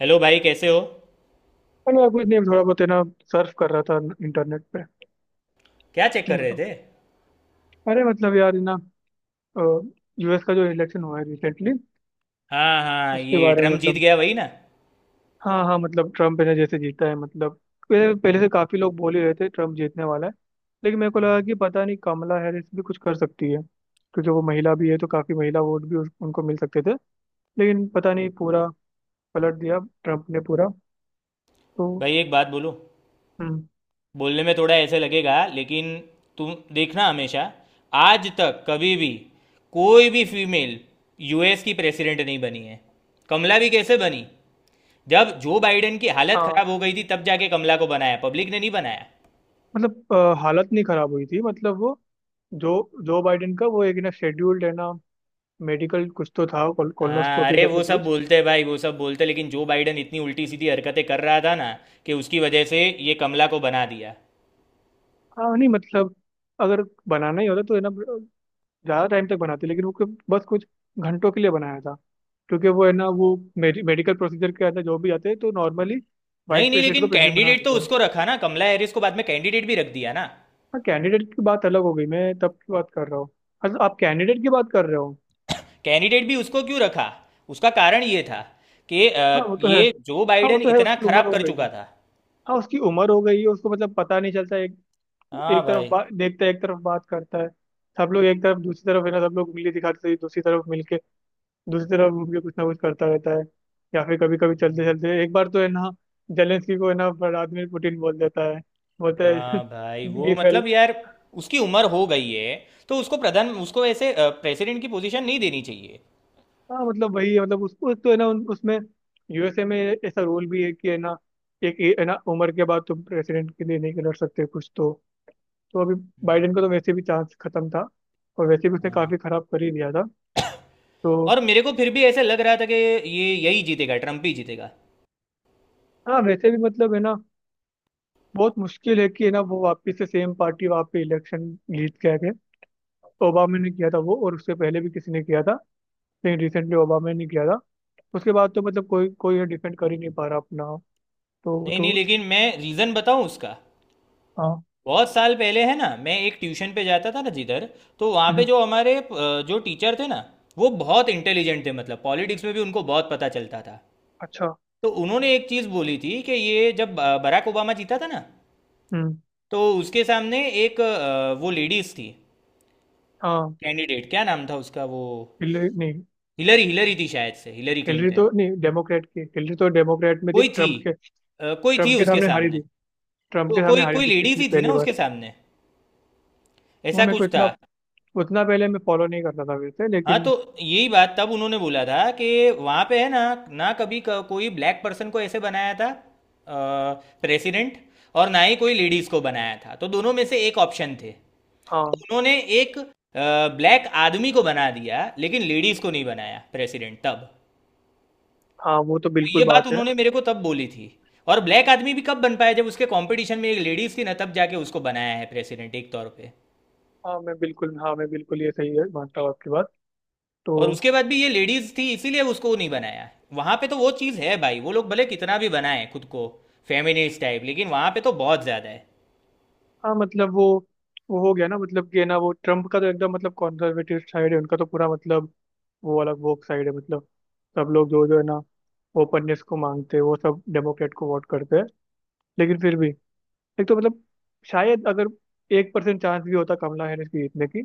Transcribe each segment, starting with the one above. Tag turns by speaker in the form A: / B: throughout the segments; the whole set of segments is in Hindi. A: हेलो भाई कैसे हो?
B: अरे यार, कुछ नहीं, थोड़ा बहुत है ना। सर्फ कर रहा था इंटरनेट पे।
A: क्या चेक
B: तुम
A: कर रहे
B: बताओ।
A: थे?
B: अरे मतलब यार, है ना, यूएस का जो इलेक्शन हुआ है रिसेंटली,
A: हाँ हाँ,
B: उसके
A: ये
B: बारे में
A: ट्रम्प जीत
B: मतलब।
A: गया वही ना।
B: हाँ हाँ, मतलब ट्रम्प है ना, जैसे जीता है, मतलब पहले पहले से काफी लोग बोल ही रहे थे ट्रम्प जीतने वाला है। लेकिन मेरे को लगा कि पता नहीं, कमला हैरिस भी कुछ कर सकती है, क्योंकि वो महिला भी है, तो काफी महिला वोट भी उनको मिल सकते थे। लेकिन पता नहीं, पूरा पलट दिया ट्रम्प ने पूरा, तो।
A: भाई एक बात बोलो।
B: हम्म।
A: बोलने में थोड़ा ऐसे लगेगा लेकिन तुम देखना, हमेशा आज तक कभी भी कोई भी फीमेल यूएस की प्रेसिडेंट नहीं बनी है। कमला भी कैसे बनी? जब जो बाइडेन की हालत
B: हाँ
A: खराब हो गई थी तब जाके कमला को बनाया, पब्लिक ने नहीं बनाया।
B: मतलब हालत नहीं खराब हुई थी, मतलब वो जो जो बाइडेन का, वो एक ना शेड्यूल्ड है ना मेडिकल, कुछ तो था
A: हाँ
B: कोलोनोस्कोपी
A: अरे वो
B: करके
A: सब
B: कुछ।
A: बोलते हैं भाई, वो सब बोलते हैं, लेकिन जो बाइडेन इतनी उल्टी सीधी हरकतें कर रहा था ना कि उसकी वजह से ये कमला को बना दिया।
B: हाँ नहीं, मतलब अगर बनाना ही होता तो है ना, ज़्यादा टाइम तक बनाते, लेकिन वो बस कुछ घंटों के लिए बनाया था। क्योंकि वो है ना, वो मेडिकल प्रोसीजर के अंदर जो भी आते हैं तो नॉर्मली वाइस
A: नहीं नहीं,
B: प्रेसिडेंट को
A: लेकिन
B: प्रेसिडेंट बना
A: कैंडिडेट तो
B: देते हैं।
A: उसको रखा ना, कमला हैरिस को बाद में कैंडिडेट भी रख दिया ना।
B: हाँ कैंडिडेट की बात अलग हो गई, मैं तब की बात कर रहा हूँ। अच्छा, आप कैंडिडेट की बात कर रहे हो।
A: कैंडिडेट भी उसको क्यों रखा? उसका कारण ये था कि
B: हाँ वो तो है।
A: ये जो
B: हाँ वो
A: बाइडेन
B: तो है,
A: इतना
B: उसकी उम्र
A: खराब
B: हो
A: कर
B: गई
A: चुका
B: है।
A: था।
B: हाँ उसकी उम्र हो गई है, उसको मतलब पता नहीं चलता है।
A: हाँ
B: एक तरफ
A: भाई।
B: बात देखता है, एक तरफ बात करता है। सब लोग एक तरफ, दूसरी तरफ है ना, सब लोग उंगली दिखाते हैं दूसरी तरफ मिलके। दूसरी तरफ घूम के कुछ ना कुछ करता रहता है। या फिर कभी कभी चलते चलते एक बार तो है ना, जेलेंस्की को है ना व्लादिमीर पुतिन बोल देता है, बोलता है
A: हाँ भाई वो
B: ये फेल।
A: मतलब यार, उसकी उम्र हो गई है तो उसको प्रधान, उसको ऐसे प्रेसिडेंट की पोजीशन नहीं देनी चाहिए।
B: हाँ मतलब वही है, मतलब उसको तो है ना, उसमें, यूएसए में ऐसा रूल भी है कि है ना, एक है ना उम्र के बाद तुम प्रेसिडेंट के लिए नहीं लड़ सकते कुछ तो। तो अभी बाइडेन को तो वैसे भी चांस खत्म था, और वैसे भी उसने
A: हाँ।
B: काफी खराब कर ही दिया था, तो।
A: और मेरे को फिर भी ऐसा लग रहा था कि ये यही जीतेगा, ट्रम्प ही जीतेगा।
B: हाँ वैसे भी मतलब है ना, बहुत मुश्किल है कि है ना, वो वापिस से सेम पार्टी वहाँ पे इलेक्शन जीत के आ गए। ओबामा ने किया था वो, और उससे पहले भी किसी ने किया था, लेकिन रिसेंटली ओबामा ने किया था। उसके बाद तो मतलब कोई कोई डिफेंड कर ही नहीं पा रहा अपना, तो
A: नहीं नहीं,
B: तो
A: लेकिन मैं रीज़न बताऊं उसका।
B: हाँ।
A: बहुत साल पहले है ना, मैं एक ट्यूशन पे जाता था ना जिधर, तो वहाँ पे
B: हम्म।
A: जो हमारे जो टीचर थे ना, वो बहुत इंटेलिजेंट थे, मतलब पॉलिटिक्स में भी उनको बहुत पता चलता था।
B: अच्छा।
A: तो उन्होंने एक चीज़ बोली थी कि ये जब बराक ओबामा जीता था ना,
B: हम्म।
A: तो उसके सामने एक वो लेडीज थी।
B: हाँ।
A: कैंडिडेट, क्या नाम था उसका वो?
B: हिलरी नहीं?
A: हिलरी, हिलरी थी शायद से, हिलरी
B: हिलरी
A: क्लिंटन।
B: तो नहीं, डेमोक्रेट की, हिलरी तो डेमोक्रेट में थी
A: कोई थी।
B: ट्रम्प के।
A: कोई थी
B: ट्रम्प के
A: उसके
B: सामने हारी
A: सामने।
B: थी। ट्रम्प के सामने
A: कोई
B: हारी
A: कोई
B: थी
A: लेडीज
B: पिछली
A: ही थी
B: पहली
A: ना
B: बार।
A: उसके सामने,
B: वो
A: ऐसा
B: मेरे को
A: कुछ था।
B: इतना, उतना पहले मैं फॉलो नहीं करता था वैसे,
A: हाँ तो
B: लेकिन।
A: यही बात तब उन्होंने बोला था कि वहाँ पे है ना, ना कभी कोई ब्लैक पर्सन को ऐसे बनाया था प्रेसिडेंट, और ना ही कोई लेडीज को बनाया था, तो दोनों में से एक ऑप्शन थे। तो
B: हाँ।
A: उन्होंने एक ब्लैक आदमी को बना दिया, लेकिन लेडीज को नहीं बनाया प्रेसिडेंट तब।
B: हाँ वो तो
A: तो
B: बिल्कुल
A: ये बात
B: बात है।
A: उन्होंने मेरे को तब बोली थी। और ब्लैक आदमी भी कब बन पाया, जब उसके कंपटीशन में एक लेडीज थी ना, तब जाके उसको बनाया है प्रेसिडेंट एक तौर पे।
B: हाँ मैं बिल्कुल ये सही है, मानता हूँ आपकी बात। तो।
A: और उसके बाद भी ये लेडीज थी, इसीलिए उसको नहीं बनाया वहां पे, तो वो चीज है भाई, वो लोग भले कितना भी बनाए खुद को फेमिनिस्ट टाइप, लेकिन वहां पे तो बहुत ज्यादा है।
B: हाँ मतलब वो हो गया ना, मतलब कि है ना वो ट्रम्प का तो एकदम मतलब कॉन्जर्वेटिव साइड है उनका तो पूरा, मतलब वो अलग, वो साइड है, मतलब सब लोग जो जो है ना ओपननेस को मांगते हैं वो सब डेमोक्रेट को वोट करते हैं। लेकिन फिर भी एक तो मतलब, शायद अगर 1% चांस भी होता कमला हैरिस की जीतने की,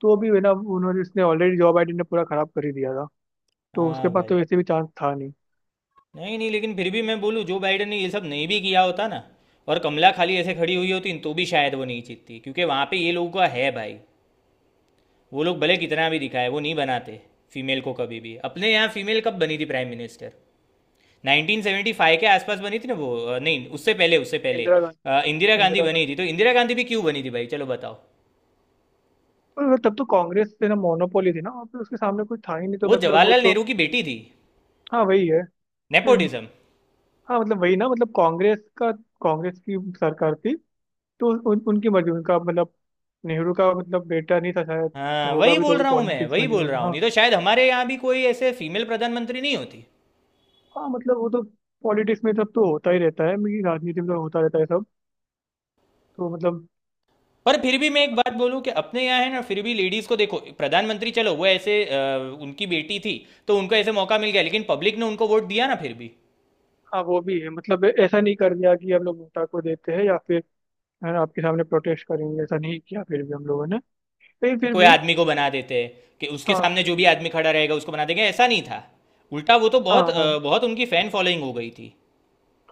B: तो भी है ना, उन्होंने, इसने, ऑलरेडी जॉब आईडी ने पूरा खराब कर ही दिया था। तो उसके
A: हाँ
B: पास
A: भाई।
B: तो वैसे भी चांस था नहीं।
A: नहीं नहीं, लेकिन फिर भी मैं बोलूँ, जो बाइडन ने ये सब नहीं भी किया होता ना, और कमला खाली ऐसे खड़ी हुई होती, तो भी शायद वो नहीं जीतती, क्योंकि वहां पे ये लोगों का है भाई। वो लोग भले कितना भी दिखाए, वो नहीं बनाते फीमेल को कभी भी। अपने यहाँ फीमेल कब बनी थी प्राइम मिनिस्टर? 1975 के आसपास बनी थी ना वो, नहीं उससे पहले, उससे पहले
B: इंदिरा
A: इंदिरा
B: गांधी।
A: गांधी
B: इंदिरा
A: बनी थी।
B: गांधी।
A: तो इंदिरा गांधी भी क्यों बनी थी भाई, चलो बताओ।
B: पर तब तो कांग्रेस से ना मोनोपोली थी ना, और फिर उसके सामने कोई था ही नहीं, तो
A: वो
B: मतलब वो
A: जवाहरलाल
B: तो।
A: नेहरू की बेटी थी।
B: हाँ वही है। हम्म।
A: नेपोटिज्म।
B: हाँ मतलब वही ना, मतलब कांग्रेस का, कांग्रेस की सरकार थी। तो उनकी मर्जी, उनका मतलब नेहरू का मतलब बेटा नहीं था शायद। तो
A: हाँ
B: होगा
A: वही
B: भी तो
A: बोल
B: भी
A: रहा हूँ मैं,
B: पॉलिटिक्स में
A: वही
B: नहीं
A: बोल रहा
B: होगा।
A: हूँ,
B: हाँ।
A: नहीं तो शायद हमारे यहाँ भी कोई ऐसे फीमेल प्रधानमंत्री नहीं होती।
B: हाँ मतलब वो तो पॉलिटिक्स में सब तो होता ही रहता है, मेरी राजनीति में तो होता रहता है सब। तो मतलब।
A: पर फिर भी मैं एक बात बोलूँ कि अपने यहाँ है ना, फिर भी लेडीज़ को देखो प्रधानमंत्री, चलो वो ऐसे उनकी बेटी थी तो उनको ऐसे मौका मिल गया, लेकिन पब्लिक ने उनको वोट दिया ना फिर भी।
B: हाँ वो भी है, मतलब ऐसा नहीं कर दिया कि हम लोग नोटा को देते हैं या फिर, है ना, आपके सामने प्रोटेस्ट करेंगे, ऐसा नहीं किया फिर भी हम लोगों ने। फिर
A: कि
B: फिर
A: कोई
B: भी।
A: आदमी को बना देते, कि उसके
B: हाँ।
A: सामने जो भी आदमी खड़ा रहेगा उसको बना देंगे, ऐसा नहीं था। उल्टा वो तो
B: हाँ।
A: बहुत
B: हाँ
A: बहुत उनकी फैन फॉलोइंग हो गई थी।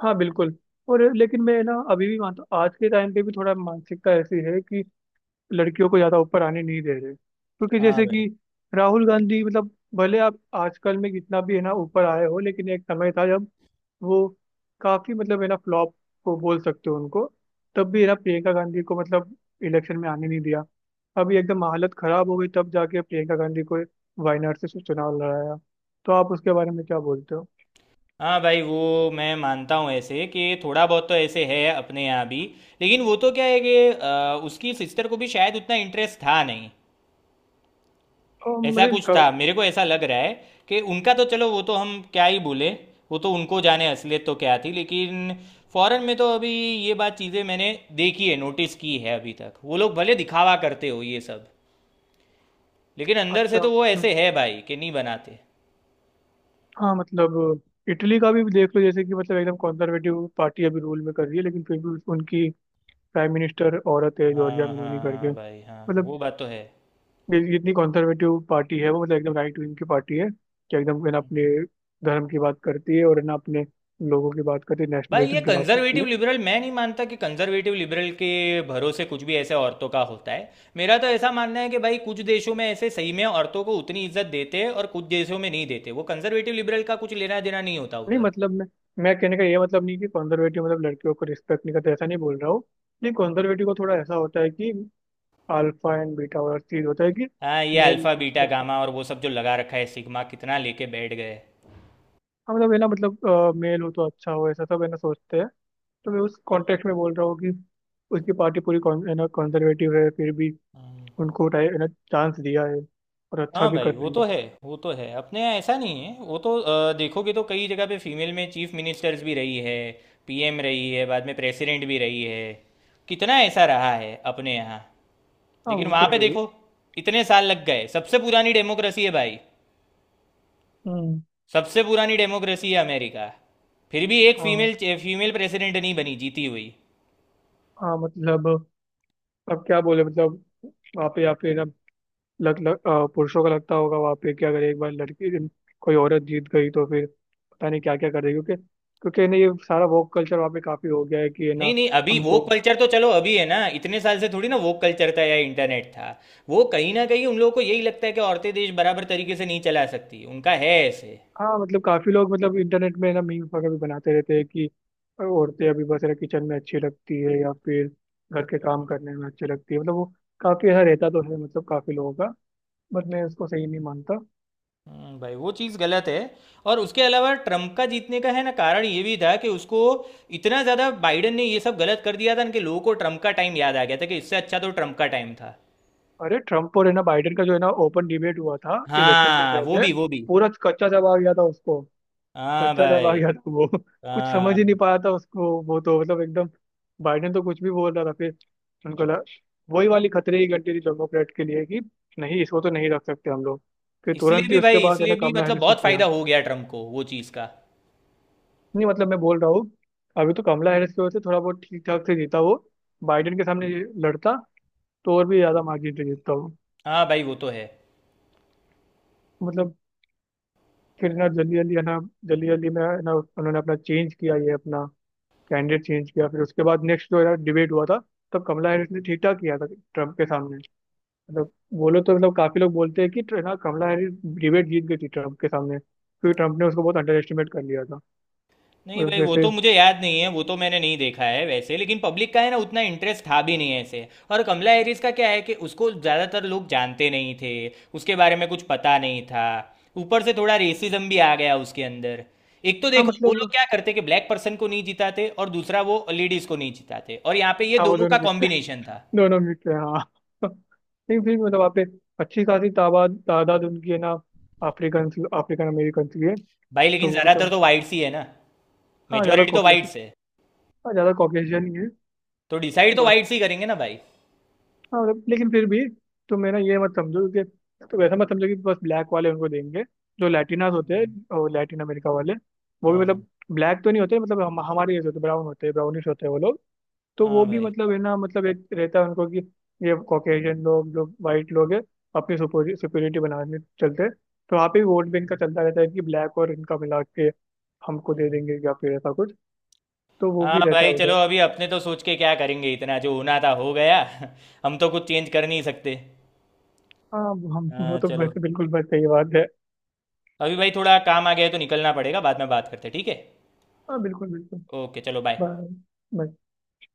B: हाँ बिल्कुल। और लेकिन मैं ना अभी भी मानता हूँ, आज के टाइम पे भी थोड़ा मानसिकता ऐसी है कि लड़कियों को ज़्यादा ऊपर आने नहीं दे रहे। क्योंकि
A: हाँ
B: जैसे
A: भाई।
B: कि राहुल गांधी, मतलब भले आप आजकल में कितना भी है ना ऊपर आए हो, लेकिन एक समय था जब वो काफ़ी मतलब है ना फ्लॉप को बोल सकते हो उनको। तब भी है ना प्रियंका गांधी को मतलब इलेक्शन में आने नहीं दिया। अभी एकदम हालत खराब हो गई तब जाके प्रियंका गांधी को वायनाड से चुनाव लड़ाया। तो आप उसके बारे में क्या बोलते हो?
A: हाँ भाई, वो मैं मानता हूँ ऐसे कि थोड़ा बहुत तो ऐसे है अपने यहाँ भी। लेकिन वो तो क्या है कि उसकी सिस्टर को भी शायद उतना इंटरेस्ट था नहीं, ऐसा
B: मतलब
A: कुछ था, मेरे को ऐसा लग रहा है। कि उनका तो चलो वो तो हम क्या ही बोले, वो तो उनको जाने असलियत तो क्या थी, लेकिन फॉरेन में तो अभी ये बात, चीज़ें मैंने देखी है, नोटिस की है अभी तक, वो लोग भले दिखावा करते हो ये सब, लेकिन अंदर से
B: अच्छा।
A: तो वो
B: हम्म।
A: ऐसे है भाई कि नहीं बनाते।
B: हाँ मतलब इटली का भी देख लो, जैसे कि मतलब एकदम कंजर्वेटिव पार्टी अभी रूल में कर रही है, लेकिन फिर भी उनकी प्राइम मिनिस्टर औरत है, जॉर्जिया
A: हाँ, हाँ
B: मेलोनी
A: हाँ
B: करके,
A: भाई हाँ,
B: मतलब
A: वो बात तो है।
B: जितनी कंजर्वेटिव पार्टी है वो, मतलब एकदम राइट विंग की पार्टी है कि एकदम है ना अपने धर्म की बात करती है, और है ना अपने लोगों की बात करती है,
A: भाई ये
B: नेशनलिज्म की बात करती
A: कंजर्वेटिव
B: है।
A: लिबरल, मैं नहीं मानता कि कंजर्वेटिव लिबरल के भरोसे कुछ भी ऐसे औरतों का होता है। मेरा तो ऐसा मानना है कि भाई, कुछ देशों में ऐसे सही में औरतों को उतनी इज्जत देते हैं और कुछ देशों में नहीं देते, वो कंजर्वेटिव लिबरल का कुछ लेना देना नहीं होता
B: नहीं
A: उधर।
B: मतलब, मैं कहने का ये मतलब नहीं कि कंजर्वेटिव मतलब लड़कियों को रिस्पेक्ट नहीं करते, ऐसा नहीं बोल रहा हूँ। लेकिन कंजर्वेटिव को थोड़ा ऐसा होता है कि अल्फा एंड बीटा और चीज होता है कि
A: हाँ ये
B: मेल,
A: अल्फा बीटा गामा और वो सब जो लगा रखा है सिग्मा, कितना लेके बैठ गए।
B: हाँ मतलब है ना, मतलब मेल हो तो अच्छा हो, ऐसा सब है ना सोचते हैं। तो मैं उस कॉन्टेक्स्ट में बोल रहा हूँ कि उसकी पार्टी पूरी है ना कंजर्वेटिव है, फिर भी उनको है ना चांस दिया है, और अच्छा
A: हाँ
B: भी
A: भाई
B: कर
A: वो
B: रही
A: तो
B: है।
A: है। वो तो है, अपने यहाँ ऐसा नहीं है, वो तो देखोगे तो कई जगह पे फीमेल में चीफ मिनिस्टर्स भी रही है। पीएम रही है, बाद में प्रेसिडेंट भी रही है। कितना ऐसा रहा है अपने यहाँ।
B: हाँ
A: लेकिन
B: वो
A: वहां
B: तो
A: पे
B: है ही।
A: देखो, इतने साल लग गए, सबसे पुरानी डेमोक्रेसी है भाई।
B: हम्म।
A: सबसे पुरानी डेमोक्रेसी है अमेरिका। फिर भी एक
B: हाँ।
A: फीमेल, प्रेसिडेंट नहीं बनी जीती हुई।
B: हाँ मतलब अब क्या बोले, मतलब वहाँ पे, या फिर ना लग, लग अ, पुरुषों का लगता होगा वहाँ पे कि अगर एक बार लड़की, कोई औरत जीत गई, तो फिर पता नहीं क्या क्या कर देगी। क्योंकि क्योंकि ना ये सारा वोक कल्चर वहाँ पे काफी हो गया है कि है ना
A: नहीं नहीं, अभी वो
B: हमको।
A: कल्चर तो चलो अभी है ना, इतने साल से थोड़ी ना वो कल्चर था या इंटरनेट था। वो कहीं ना कहीं उन लोगों को यही लगता है कि औरतें देश बराबर तरीके से नहीं चला सकती, उनका है ऐसे।
B: हाँ मतलब काफी लोग, मतलब इंटरनेट में ना मीम्स वगैरह भी बनाते रहते हैं कि औरतें अभी बस ना किचन में अच्छी लगती है, या फिर घर के काम करने में अच्छी लगती है, मतलब वो काफी ऐसा रहता तो है, मतलब काफी लोगों का। बट मैं उसको सही नहीं मानता।
A: भाई वो चीज़ गलत है। और उसके अलावा ट्रम्प का जीतने का है ना कारण ये भी था कि उसको इतना ज़्यादा बाइडेन ने ये सब गलत कर दिया था ना, कि लोगों को ट्रम्प का टाइम याद आ गया था कि इससे अच्छा तो ट्रम्प का टाइम था।
B: अरे ट्रम्प और है ना बाइडेन का जो है ना ओपन डिबेट हुआ था इलेक्शन से
A: हाँ वो
B: पहले,
A: भी, वो भी।
B: पूरा कच्चा जवाब दिया था उसको।
A: हाँ
B: कच्चा चला
A: भाई
B: गया था वो। कुछ समझ
A: हाँ।
B: ही नहीं पाया था उसको वो, तो मतलब एकदम बाइडेन तो कुछ भी बोल रहा था। फिर उनको लगा, वही वाली खतरे की घंटी थी डेमोक्रेट के लिए कि नहीं, इसको तो नहीं रख सकते हम लोग। फिर
A: इसलिए
B: तुरंत ही
A: भी
B: उसके
A: भाई,
B: बाद है ना
A: इसलिए भी,
B: कमला
A: मतलब
B: हैरिस को
A: बहुत
B: किया।
A: फायदा हो गया ट्रम्प को वो चीज़ का।
B: नहीं मतलब मैं बोल रहा हूँ, अभी तो कमला हैरिस की वजह से थोड़ा बहुत ठीक ठाक से जीता वो। बाइडेन के सामने ये लड़ता, तो और भी ज्यादा मार्जिन से जीतता वो।
A: हाँ भाई वो तो है।
B: मतलब फिर ना जल्दी जल्दी है ना, जल्दी जल्दी में है ना उन्होंने अपना चेंज किया, ये अपना कैंडिडेट चेंज किया। फिर उसके बाद नेक्स्ट जो यार डिबेट हुआ था, तब कमला हैरिस ने ठीक ठाक किया था ट्रम्प के सामने। मतलब बोलो तो, मतलब काफी लोग बोलते हैं कि ना कमला हैरिस डिबेट जीत गई थी ट्रम्प के सामने, क्योंकि ट्रम्प ने उसको बहुत अंडर एस्टिमेट कर लिया था।
A: नहीं
B: और
A: भाई, वो
B: वैसे।
A: तो मुझे याद नहीं है, वो तो मैंने नहीं देखा है वैसे, लेकिन पब्लिक का है ना उतना इंटरेस्ट था भी नहीं ऐसे, और कमला हैरिस का क्या है कि उसको ज़्यादातर लोग जानते नहीं थे। उसके बारे में कुछ पता नहीं था। ऊपर से थोड़ा रेसिज्म भी आ गया उसके अंदर। एक तो
B: हाँ
A: देखो, वो लोग
B: मतलब,
A: क्या करते कि ब्लैक पर्सन को नहीं जिताते, और दूसरा वो लेडीज को नहीं जिताते, और यहाँ पे ये
B: हाँ वो
A: दोनों का
B: दोनों मिक्स है।
A: कॉम्बिनेशन था।
B: दोनों मिक्स है, हाँ। नहीं फिर भी मतलब वहाँ पे अच्छी खासी तादाद तादाद उनकी है ना, अफ्रीकन अफ्रीकन अमेरिकन की है।
A: भाई लेकिन
B: तो वो
A: ज़्यादातर
B: तो।
A: तो वाइट्स ही है ना।
B: हाँ ज़्यादा
A: मेजोरिटी तो
B: कॉकेशियन
A: वाइट्स है।
B: हाँ ज़्यादा कॉकेशियन ही
A: तो डिसाइड तो
B: है।
A: वाइट्स ही करेंगे ना भाई।
B: हाँ मतलब, लेकिन फिर भी तुम है ना ये मत समझो कि, तो वैसा मत समझो कि बस ब्लैक वाले उनको देंगे। जो लैटिनास होते हैं और लैटिन अमेरिका वाले, वो भी
A: हाँ हाँ।
B: मतलब ब्लैक तो नहीं होते, मतलब हम हमारे जैसे होते, ब्राउन होते हैं, ब्राउनिश होते हैं वो लोग। तो वो
A: हाँ
B: भी
A: भाई
B: मतलब है ना, मतलब एक रहता है उनको कि ये कॉकेशियन लोग जो वाइट लोग हैं, अपनी सुपीरियरिटी बनाने चलते हैं। तो वहाँ पे भी वोट बैंक का चलता रहता है कि ब्लैक और इनका मिला के हमको दे देंगे या फिर ऐसा कुछ, तो वो
A: हाँ
B: भी रहता है
A: भाई
B: उधर।
A: चलो, अभी अपने तो सोच के क्या करेंगे, इतना जो होना था हो गया। हम तो कुछ चेंज कर नहीं सकते।
B: हाँ। हम वो
A: हाँ
B: तो
A: चलो।
B: बिल्कुल बिल्कुल सही बात है।
A: अभी भाई थोड़ा काम आ गया है तो निकलना पड़ेगा, बाद में बात करते हैं, ठीक है?
B: हाँ बिल्कुल बिल्कुल।
A: ओके चलो बाय।
B: ब। ब।